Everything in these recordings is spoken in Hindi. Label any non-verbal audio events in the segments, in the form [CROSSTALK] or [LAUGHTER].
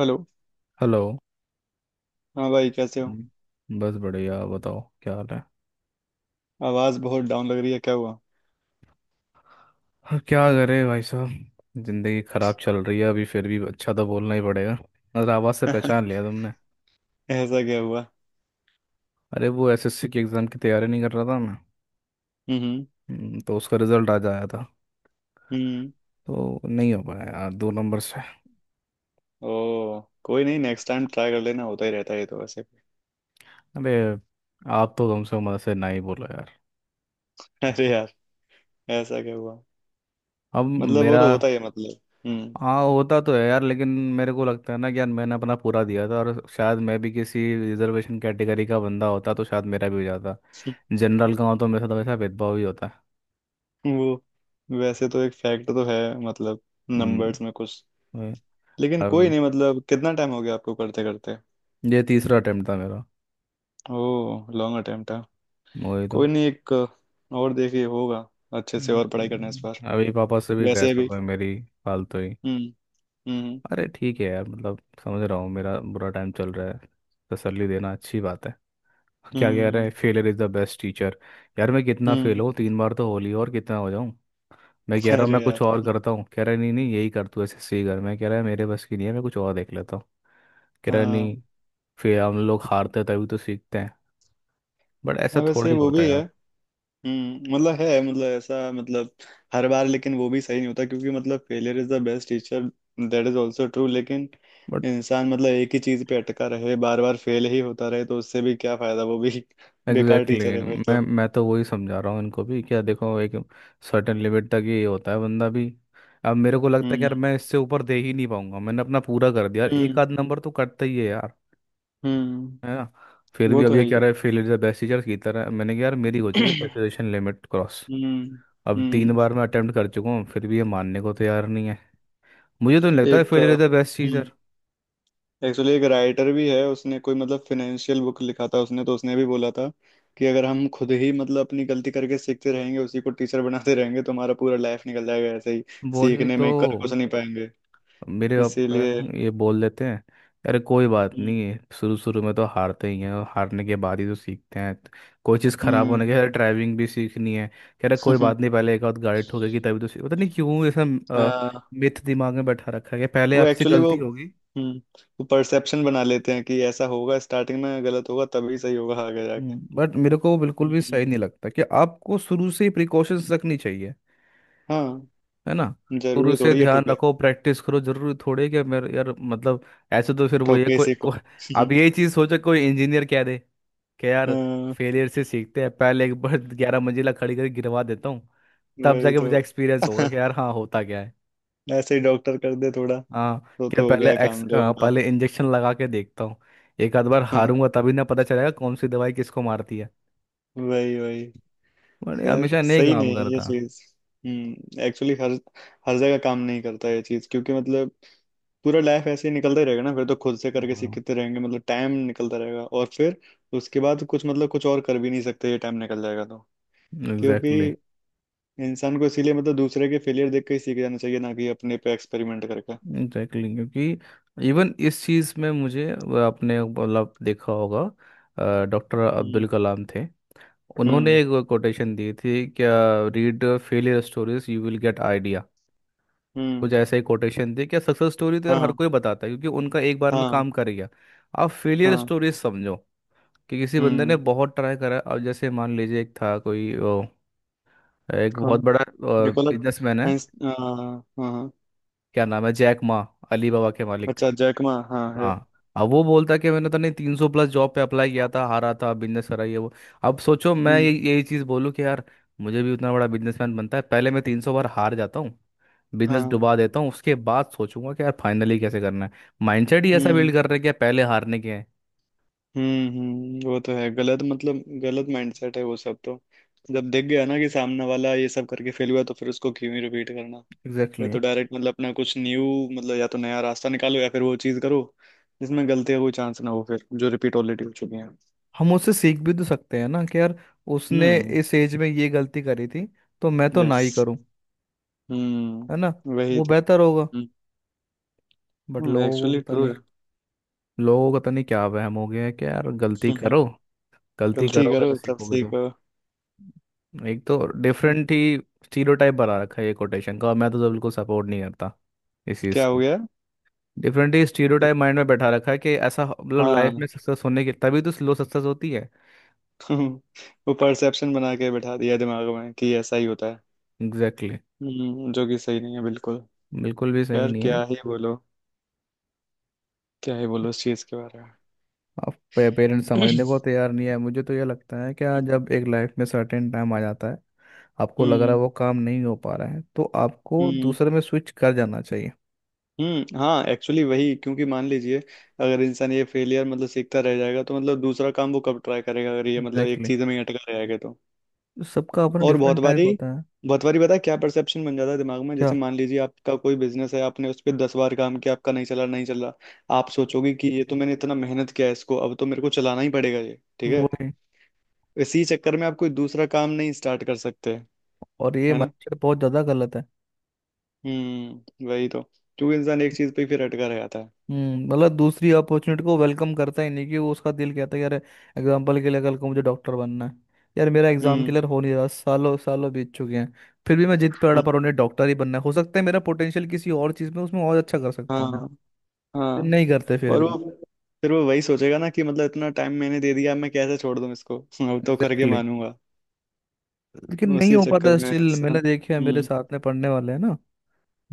हेलो। हेलो. हाँ भाई, कैसे हो? बस बढ़िया बताओ, क्या हाल है? आवाज बहुत डाउन लग रही है, क्या हुआ? हाँ, क्या करे भाई साहब, जिंदगी खराब चल रही है अभी. फिर भी अच्छा तो बोलना ही पड़ेगा. अरे आवाज़ से [LAUGHS] पहचान लिया तुमने. ऐसा क्या हुआ? अरे वो एसएससी की एग्ज़ाम की तैयारी नहीं कर रहा था मैं. हम्म। तो उसका रिजल्ट आज आया था. हम्म। तो नहीं हो पाया यार, 2 नंबर से. ओ, कोई नहीं, नेक्स्ट टाइम ट्राई कर लेना, होता ही रहता है ये तो वैसे भी। अरे आप तो कम से कम मदद से ना ही बोलो यार. [LAUGHS] अरे यार, ऐसा क्या हुआ? अब मतलब वो मेरा तो होता ही है, मतलब। हम्म। हाँ, होता तो है यार लेकिन मेरे को लगता है ना कि यार, मैंने अपना पूरा दिया था और शायद मैं भी किसी रिजर्वेशन कैटेगरी का बंदा होता तो शायद मेरा भी हो जाता. [LAUGHS] जनरल का हो तो मेरे साथ वैसा भेदभाव ही होता है. वो, वैसे तो एक फैक्ट तो है, मतलब हम्म, नंबर्स में कुछ। वही. लेकिन कोई अब नहीं, मतलब कितना टाइम हो गया आपको करते करते? ये तीसरा अटेम्प्ट था मेरा. ओ, लॉन्ग अटेम्प्ट है। वही तो. कोई नहीं, एक और देखिए, होगा। अच्छे से और पढ़ाई करना इस बार, अभी पापा से भी वैसे बहस हो भी। गई मेरी, फालतू ही. हम्म। हम्म। अरे ठीक है यार, मतलब समझ रहा हूँ मेरा बुरा टाइम चल रहा है, तसल्ली देना अच्छी बात है. क्या कह रहे हम्म। हैं, failure is the best teacher. यार मैं कितना फेल हम्म। हूँ, 3 बार तो होली और कितना हो जाऊँ. मैं कह रहा हूँ अरे मैं कुछ और यार। करता हूँ. कह रहा है नहीं नहीं, यही कर तू, ऐसे सी कर. मैं कह रहा है मेरे बस की नहीं है, मैं कुछ और देख लेता हूँ. कह रहा है, हाँ नहीं, फिर हम लोग हारते तभी तो सीखते हैं. बट ऐसा हाँ, थोड़ा वैसे ही वो भी होता है है। यार. मतलब है, मतलब ऐसा, मतलब हर बार। लेकिन वो भी सही नहीं होता, क्योंकि मतलब failure is the best teacher, that is also true, लेकिन बट इंसान मतलब एक ही चीज पे अटका रहे, बार बार फेल ही होता रहे, तो उससे भी क्या फायदा? वो भी [LAUGHS] बेकार एग्जैक्टली टीचर है फिर exactly, तो। मैं तो वही समझा रहा हूँ इनको भी, क्या देखो एक सर्टेन लिमिट तक ही होता है बंदा भी. अब मेरे को लगता है कि हम्म। यार मैं इससे ऊपर दे ही नहीं पाऊंगा, मैंने अपना पूरा कर दिया यार, एक हम्म। आध नंबर तो कटता ही है यार, हम्म। है ना. फिर वो भी अब तो है ये ही कह है। रहा है fail is the best teacher की तरह. मैंने कहा यार मेरी हो चुकी है [CLEARS THROAT] सैचुरेशन लिमिट क्रॉस. हम्म। अब तीन हम्म। बार मैं अटेम्प्ट कर चुका हूँ, फिर भी ये मानने को तैयार नहीं है. मुझे तो नहीं लगता एक fail is the best teacher. Actually एक राइटर भी है, उसने कोई मतलब फिनेंशियल बुक लिखा था, उसने तो उसने भी बोला था कि अगर हम खुद ही मतलब अपनी गलती करके सीखते रहेंगे, उसी को टीचर बनाते रहेंगे, तो हमारा पूरा लाइफ निकल जाएगा ऐसे ही, वही सीखने तो. में कर कुछ नहीं पाएंगे, मेरे अप इसीलिए। ये बोल देते हैं अरे कोई बात हम्म। नहीं है, शुरू शुरू में तो हारते ही हैं और हारने के बाद ही तो सीखते हैं, तो कोई चीज़ खराब होने के. हम्म, अरे ड्राइविंग भी सीखनी है, कह रहे कोई [LAUGHS] बात नहीं, पहले एक आध गाड़ी ठोकेगी तभी तो सीख. पता नहीं क्यों ऐसा हाँ। मिथ दिमाग में बैठा रखा है कि पहले वो आपसे एक्चुअली, वो, गलती होगी. हम्म वो परसेप्शन बना लेते हैं कि ऐसा होगा, स्टार्टिंग में गलत होगा तभी सही होगा आगे जाके। बट मेरे को वो बिल्कुल भी हम्म, सही नहीं लगता. कि आपको शुरू से ही प्रिकॉशंस रखनी चाहिए, हाँ। है ना. शुरू जरूरी से थोड़ी है ध्यान ठोके, रखो, प्रैक्टिस करो, जरूरी थोड़े कि मेरे यार मतलब. ऐसे तो फिर वो ये ठोके इसी को। अब यही [LAUGHS] चीज़ सोचो. कोई इंजीनियर कह दे कि यार हाँ, फेलियर से सीखते हैं, पहले एक बार [LAUGHS] 11 मंजिला खड़ी करके गिरवा देता हूँ, तब वही जाके तो। मुझे एक्सपीरियंस होगा कि यार [LAUGHS] हाँ होता क्या है. ऐसे ही डॉक्टर कर दे थोड़ा, हाँ, तो कि यार तो हो पहले गया काम लोगों का। पहले इंजेक्शन लगा के देखता हूँ, एक आध बार [LAUGHS] हारूंगा तभी ना पता चलेगा कौन सी दवाई किसको मारती है. वही वही। बट ये खैर हमेशा नहीं सही काम नहीं है ये करता. चीज। एक्चुअली हर हर जगह काम नहीं करता ये चीज, क्योंकि मतलब पूरा लाइफ ऐसे ही निकलता ही रहेगा ना, फिर तो खुद से करके एग्जैक्टली सीखते रहेंगे, मतलब टाइम निकलता रहेगा और फिर उसके बाद कुछ मतलब कुछ और कर भी नहीं सकते, ये टाइम निकल जाएगा तो, क्योंकि exactly. इंसान को इसीलिए मतलब दूसरे के फेलियर देख के ही सीख जाना चाहिए, ना कि अपने पे एक्सपेरिमेंट करके। Exactly exactly. क्योंकि इवन इस चीज़ में मुझे वो, आपने मतलब देखा होगा डॉक्टर हम्म। अब्दुल कलाम थे, उन्होंने हम्म। एक कोटेशन दी थी क्या, read failure stories you will get idea. कुछ हम्म। ऐसा ही कोटेशन थी क्या. सक्सेस स्टोरी तो यार हर हाँ। कोई बताता है क्योंकि उनका एक बार में हाँ। काम कर गया. आप फेलियर हाँ। स्टोरीज समझो कि किसी बंदे ने हम्म। बहुत ट्राई करा. अब जैसे मान लीजिए एक था एक बहुत कौन? बड़ा निकोला बिजनेसमैन है, साइंस? हाँ हाँ। क्या नाम है, जैक मा, अली बाबा के मालिक. अच्छा जैकमा, हाँ है। हाँ, अब वो बोलता कि मैंने तो नहीं, 300+ जॉब पे अप्लाई किया था, हारा था, बिजनेस करा ये वो. अब सोचो मैं ये हम्म। यही चीज़ बोलूँ कि यार मुझे भी उतना बड़ा बिजनेसमैन बनता है, पहले मैं 300 बार हार जाता हूँ, बिजनेस हाँ। डुबा देता हूँ, उसके बाद सोचूंगा कि यार फाइनली कैसे करना है. माइंडसेट ही ऐसा बिल्ड हम्म। कर रहे हैं कि यार पहले हारने के हैं. हम्म। हम्म। वो तो है गलत, मतलब गलत माइंडसेट है वो, सब तो जब देख गया ना कि सामने वाला ये सब करके फेल हुआ, तो फिर उसको क्यों ही रिपीट करना? फिर एग्जैक्टली exactly. तो डायरेक्ट मतलब अपना कुछ न्यू, मतलब या तो नया रास्ता निकालो, या फिर वो चीज़ करो जिसमें गलती का कोई चांस ना हो, फिर जो रिपीट ऑलरेडी हो चुकी है। हम उससे सीख भी तो सकते हैं ना कि यार उसने हम्म। इस एज में ये गलती करी थी, तो मैं तो ना यस। ही करूं, है ना, हम्म, वही वो तो। बेहतर होगा. बट लोगों को एक्चुअली पता ट्रू नहीं, है। लोगों को पता नहीं क्या वहम हो गया है कि यार गलती करो, [LAUGHS] गलती गलती करोगे करो तो तब सीखोगे तो. सीखो। एक तो डिफरेंट ही स्टीरियोटाइप बना रखा है ये कोटेशन का, और मैं तो बिल्कुल सपोर्ट नहीं करता इस चीज़ क्या हो को. गया? डिफरेंट ही स्टीरियोटाइप माइंड में बैठा रखा है कि मतलब लाइफ हाँ। में सक्सेस होने की तभी तो स्लो सक्सेस होती है. [LAUGHS] वो परसेप्शन बना के बैठा दिया दिमाग में कि ऐसा ही होता है। Exactly exactly. जो कि सही नहीं है बिल्कुल। बिल्कुल भी सही यार नहीं है. क्या ही बोलो, क्या ही बोलो इस चीज के बारे में। अब पेरेंट्स समझने को [CLEARS THROAT] तैयार नहीं है. मुझे तो ये लगता है कि आज जब एक लाइफ में सर्टेन टाइम आ जाता है, आपको लग रहा है हम्म। वो काम नहीं हो पा रहा है, तो आपको हम्म। दूसरे में स्विच कर जाना चाहिए. हम्म, हाँ एक्चुअली वही, क्योंकि मान लीजिए अगर इंसान ये फेलियर मतलब सीखता रह जाएगा, तो मतलब दूसरा काम वो कब ट्राई करेगा, अगर ये मतलब एक एग्जैक्टली चीज में ही अटका रहेगा। exactly. सबका अपना और बहुत डिफरेंट टाइप बारी होता है. बहुत बारी पता है क्या परसेप्शन बन जाता है दिमाग में? क्या, जैसे मान लीजिए आपका कोई बिजनेस है, आपने उस पर 10 बार काम किया, आपका नहीं चला, नहीं चला। आप सोचोगे कि ये तो मैंने इतना मेहनत किया है इसको, अब तो मेरे को चलाना ही पड़ेगा ये, ठीक है। वही. इसी चक्कर में आप कोई दूसरा काम नहीं स्टार्ट कर सकते। और ये है ना? माइंडसेट बहुत ज़्यादा गलत है. हम्म, वही तो, क्योंकि इंसान एक चीज पे ही फिर अटका रह जाता है। हम्म, मतलब दूसरी अपॉर्चुनिटी को वेलकम करता ही नहीं. कि वो उसका दिल कहता है यार, एग्जाम्पल के लिए कल को मुझे डॉक्टर बनना है, यार मेरा एग्जाम हम्म। क्लियर हो नहीं रहा, सालों सालों बीत चुके हैं, फिर भी मैं जिद पे अड़ा हम्म, पर उन्हें डॉक्टर ही बनना है. हो सकता है मेरा पोटेंशियल किसी और चीज़ में, उसमें और अच्छा कर सकता हूँ, हाँ। लेकिन हाँ। नहीं करते फिर और वो भी. फिर वो वही सोचेगा ना कि मतलब इतना टाइम मैंने दे दिया, मैं कैसे छोड़ दूं इसको। [LAUGHS] अब तो करके एग्जैक्टली मानूंगा। exactly. लेकिन नहीं उसी हो चक्कर पाता में स्टिल. इंसान, मैंने देखे हैं मेरे साथ में पढ़ने वाले हैं ना,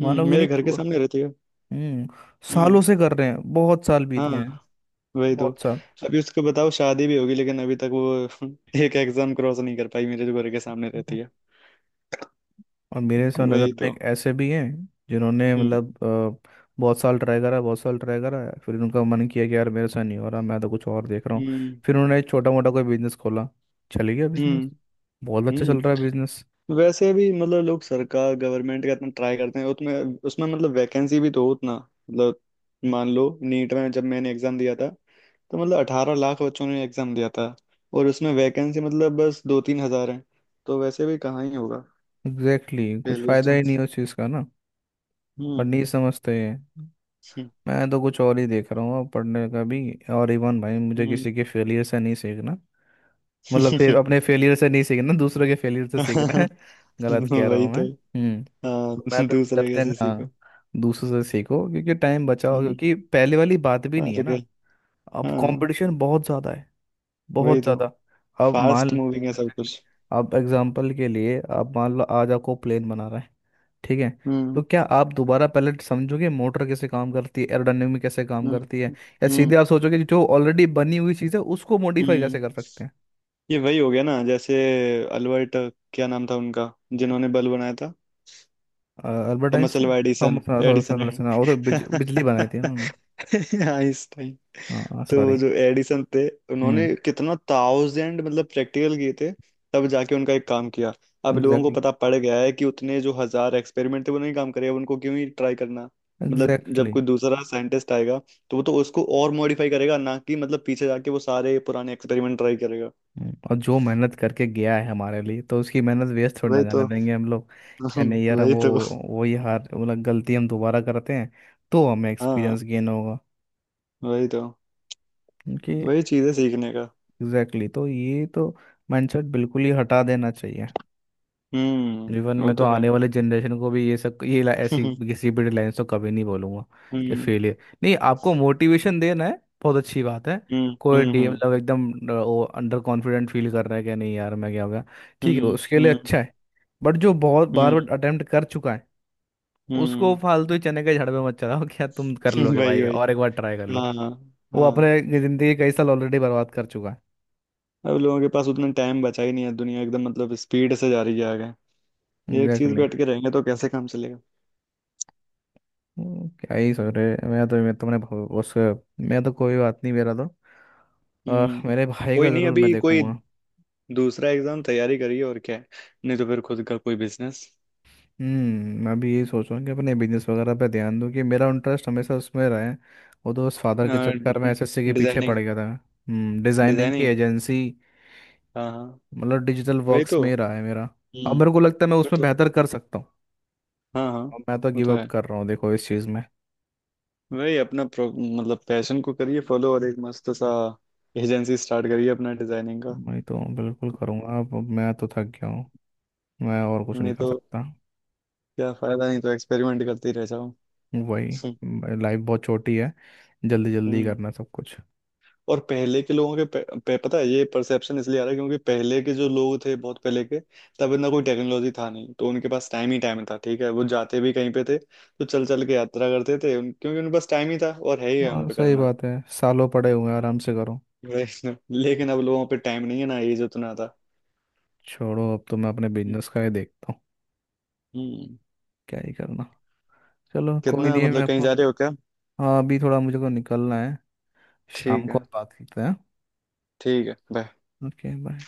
मानोगे मेरे नहीं घर के खु- सामने रहती है। हम्म, सालों हम्म। से कर रहे हैं, बहुत साल बीत हाँ। गए हैं, वही तो, बहुत साल. अभी उसको बताओ शादी भी होगी, लेकिन अभी तक वो [LAUGHS] एक एग्जाम क्रॉस नहीं कर पाई, मेरे जो घर के सामने रहती है। और मेरे से नज़र वही में तो। एक ऐसे भी हैं जिन्होंने हम्म। बहुत साल ट्राई करा, बहुत साल ट्राई करा. फिर उनका मन किया कि यार मेरे साथ नहीं हो रहा, मैं तो कुछ और देख रहा हूँ. हम्म। फिर उन्होंने एक छोटा मोटा कोई बिजनेस खोला, चल गया हम्म। बिजनेस, बहुत अच्छा चल रहा है हम्म। बिजनेस. वैसे भी मतलब लोग सरकार, गवर्नमेंट का इतना ट्राई करते हैं, उसमें उसमें मतलब वैकेंसी भी तो हो उतना, मतलब मान लो नीट में जब मैंने एग्जाम दिया था, तो मतलब 18 लाख बच्चों ने एग्जाम दिया था, और उसमें वैकेंसी मतलब बस 2-3 हजार है, तो वैसे भी कहाँ ही होगा एग्जैक्टली exactly. के कुछ लिए फ़ायदा ही नहीं चांस। उस चीज़ का ना. बट हम्म। नहीं समझते हैं. मैं तो कुछ और ही देख रहा हूँ अब, पढ़ने का भी. और इवन भाई मुझे हम्म। किसी के फेलियर से नहीं सीखना, मतलब फिर अपने फेलियर से नहीं सीखना, दूसरों के फेलियर से सीखना है [LAUGHS] [LAUGHS] गलत कह रहा वही हूँ मैं? तो। हम्म. हाँ। तो मैं तो दूसरे गलत है कैसे सीखो। हाँ. दूसरों से सीखो क्योंकि टाइम बचाओ, हम्म। क्योंकि पहले वाली बात भी नहीं है और क्या। ना. अब हाँ। कंपटीशन बहुत ज़्यादा है, वही बहुत तो। ज़्यादा. अब फास्ट मान मूविंग है सब Exactly. कुछ। अब एग्जाम्पल के लिए आप मान लो आज आपको प्लेन बना रहा है, ठीक है, तो हम्म। क्या आप दोबारा पहले समझोगे मोटर कैसे काम करती है, एरोडायनेमिक कैसे काम हम्म। करती है, या सीधे हम्म। आप सोचोगे कि जो ऑलरेडी बनी हुई चीज़ है उसको मॉडिफाई हम्म। कैसे कर सकते हैं. ये वही हो गया ना जैसे अल्बर्ट, क्या नाम था उनका, जिन्होंने बल्ब बनाया था? Albert Thomas Einstein? Alva Edison. Thomas Edison. Edison, वो तो बिजली बनाई थी ना उन्होंने. [LAUGHS] आइंस्टाइन। हाँ तो सॉरी. जो एडिसन थे, उन्होंने हम्म. कितना थाउजेंड मतलब प्रैक्टिकल किए थे, तब जाके उनका एक काम किया। अब लोगों को एग्जैक्टली. पता पड़ गया है कि उतने जो हजार एक्सपेरिमेंट थे वो नहीं काम करे, अब उनको क्यों ही ट्राई करना, मतलब जब एग्जैक्टली exactly. कोई दूसरा साइंटिस्ट आएगा, तो वो तो उसको और मॉडिफाई करेगा ना, कि मतलब पीछे जाके वो सारे पुराने एक्सपेरिमेंट ट्राई करेगा। और जो मेहनत करके गया है हमारे लिए, तो उसकी मेहनत वेस्ट थोड़ी ना वही जाने तो। देंगे हम लोग. क्या नहीं [LAUGHS] यार हम वही वो, तो। वही हार मतलब गलती हम दोबारा करते हैं तो हमें हाँ। एक्सपीरियंस गेन होगा. वही तो। क्योंकि वही चीज है सीखने का। Exactly exactly. तो ये तो माइंडसेट बिल्कुल ही हटा देना चाहिए. जीवन हम्म, वो में तो तो है। आने वाले [LAUGHS] जनरेशन को भी ये सब ये ऐसी हम्म। किसी भी लाइन तो कभी नहीं बोलूंगा कि फेलियर. नहीं, आपको मोटिवेशन देना है, बहुत अच्छी बात है. हम्म। कोई डी हम्म। मतलब एकदम वो अंडर कॉन्फिडेंट फील कर रहा है कि नहीं यार मैं क्या हो गया, ठीक हम्म। है हम्म। उसके लिए हम्म। अच्छा है. बट जो बहुत बार हम्म। बार अटेम्प्ट कर चुका है, उसको हम्म। फालतू ही चने के झड़ पे मत चलाओ क्या तुम कर [LAUGHS] लोगे भाई, वही वही। और एक बार ट्राई कर लो. हाँ। वो हाँ। अपने जिंदगी कई साल ऑलरेडी बर्बाद कर चुका है. अब लोगों के पास उतना टाइम बचा ही नहीं है, दुनिया एकदम मतलब स्पीड से जा रही है आगे, ये एक चीज पे एग्जैक्टली. अटके रहेंगे तो कैसे काम चलेगा? क्या ही सोच रहे. मैं तो मैं तुमने बहु- उस मैं तो कोई बात नहीं मेरा तो. हम्म। मेरे भाई का कोई नहीं, ज़रूर मैं अभी कोई देखूंगा. दूसरा एग्जाम तैयारी करिए, और क्या है, नहीं तो फिर खुद का कोई बिजनेस। हम्म, मैं भी यही सोच रहा हूँ कि अपने बिजनेस वगैरह पे ध्यान दूँ, कि मेरा इंटरेस्ट हमेशा उसमें रहे. वो तो उस फादर के चक्कर में एसएससी के पीछे पड़ डिजाइनिंग। गया था. हम्म, डिज़ाइनिंग की डिजाइनिंग, एजेंसी, हाँ हाँ। मतलब डिजिटल वही वर्क्स तो। में ही रहा है मेरा. अब हम्म। मेरे को लगता है मैं वो उसमें तो, बेहतर कर सकता हूँ. हाँ हाँ, अब मैं तो वो गिव तो अप है, कर रहा हूँ देखो इस चीज़ में. वही अपना मतलब पैशन को करिए फॉलो, और एक मस्त सा एजेंसी स्टार्ट करिए अपना डिजाइनिंग का। मैं तो बिल्कुल करूँगा, अब मैं तो थक गया हूँ, मैं और कुछ नहीं नहीं कर तो, सकता. क्या फायदा, नहीं तो एक्सपेरिमेंट करते ही रह जाओ। वही, सम- लाइफ बहुत छोटी है, जल्दी जल्दी हम्म। करना सब कुछ. और पहले के लोगों के पे, पता है ये परसेप्शन इसलिए आ रहा है, क्योंकि पहले के जो लोग थे बहुत पहले के, तब इतना कोई टेक्नोलॉजी था नहीं, तो उनके पास टाइम ही टाइम था, ठीक है, वो जाते भी कहीं पे थे तो चल चल के यात्रा करते थे क्योंकि उनके पास टाइम ही था, और है ही है उन हाँ पे सही करना। बात है, सालों पड़े हुए हैं आराम से करो. वही ना। [LAUGHS] लेकिन अब लोगों पे टाइम नहीं है ना, एज उतना था। छोड़ो, अब तो मैं अपने बिजनेस का ही देखता हूँ, हम्म। क्या ही करना. चलो कोई कितना, नहीं है, मैं मतलब कहीं आपको. जा रहे हो क्या? हाँ अभी थोड़ा मुझे को निकलना है, शाम ठीक को है। बात करते हैं. ठीक है, bye. Okay bye.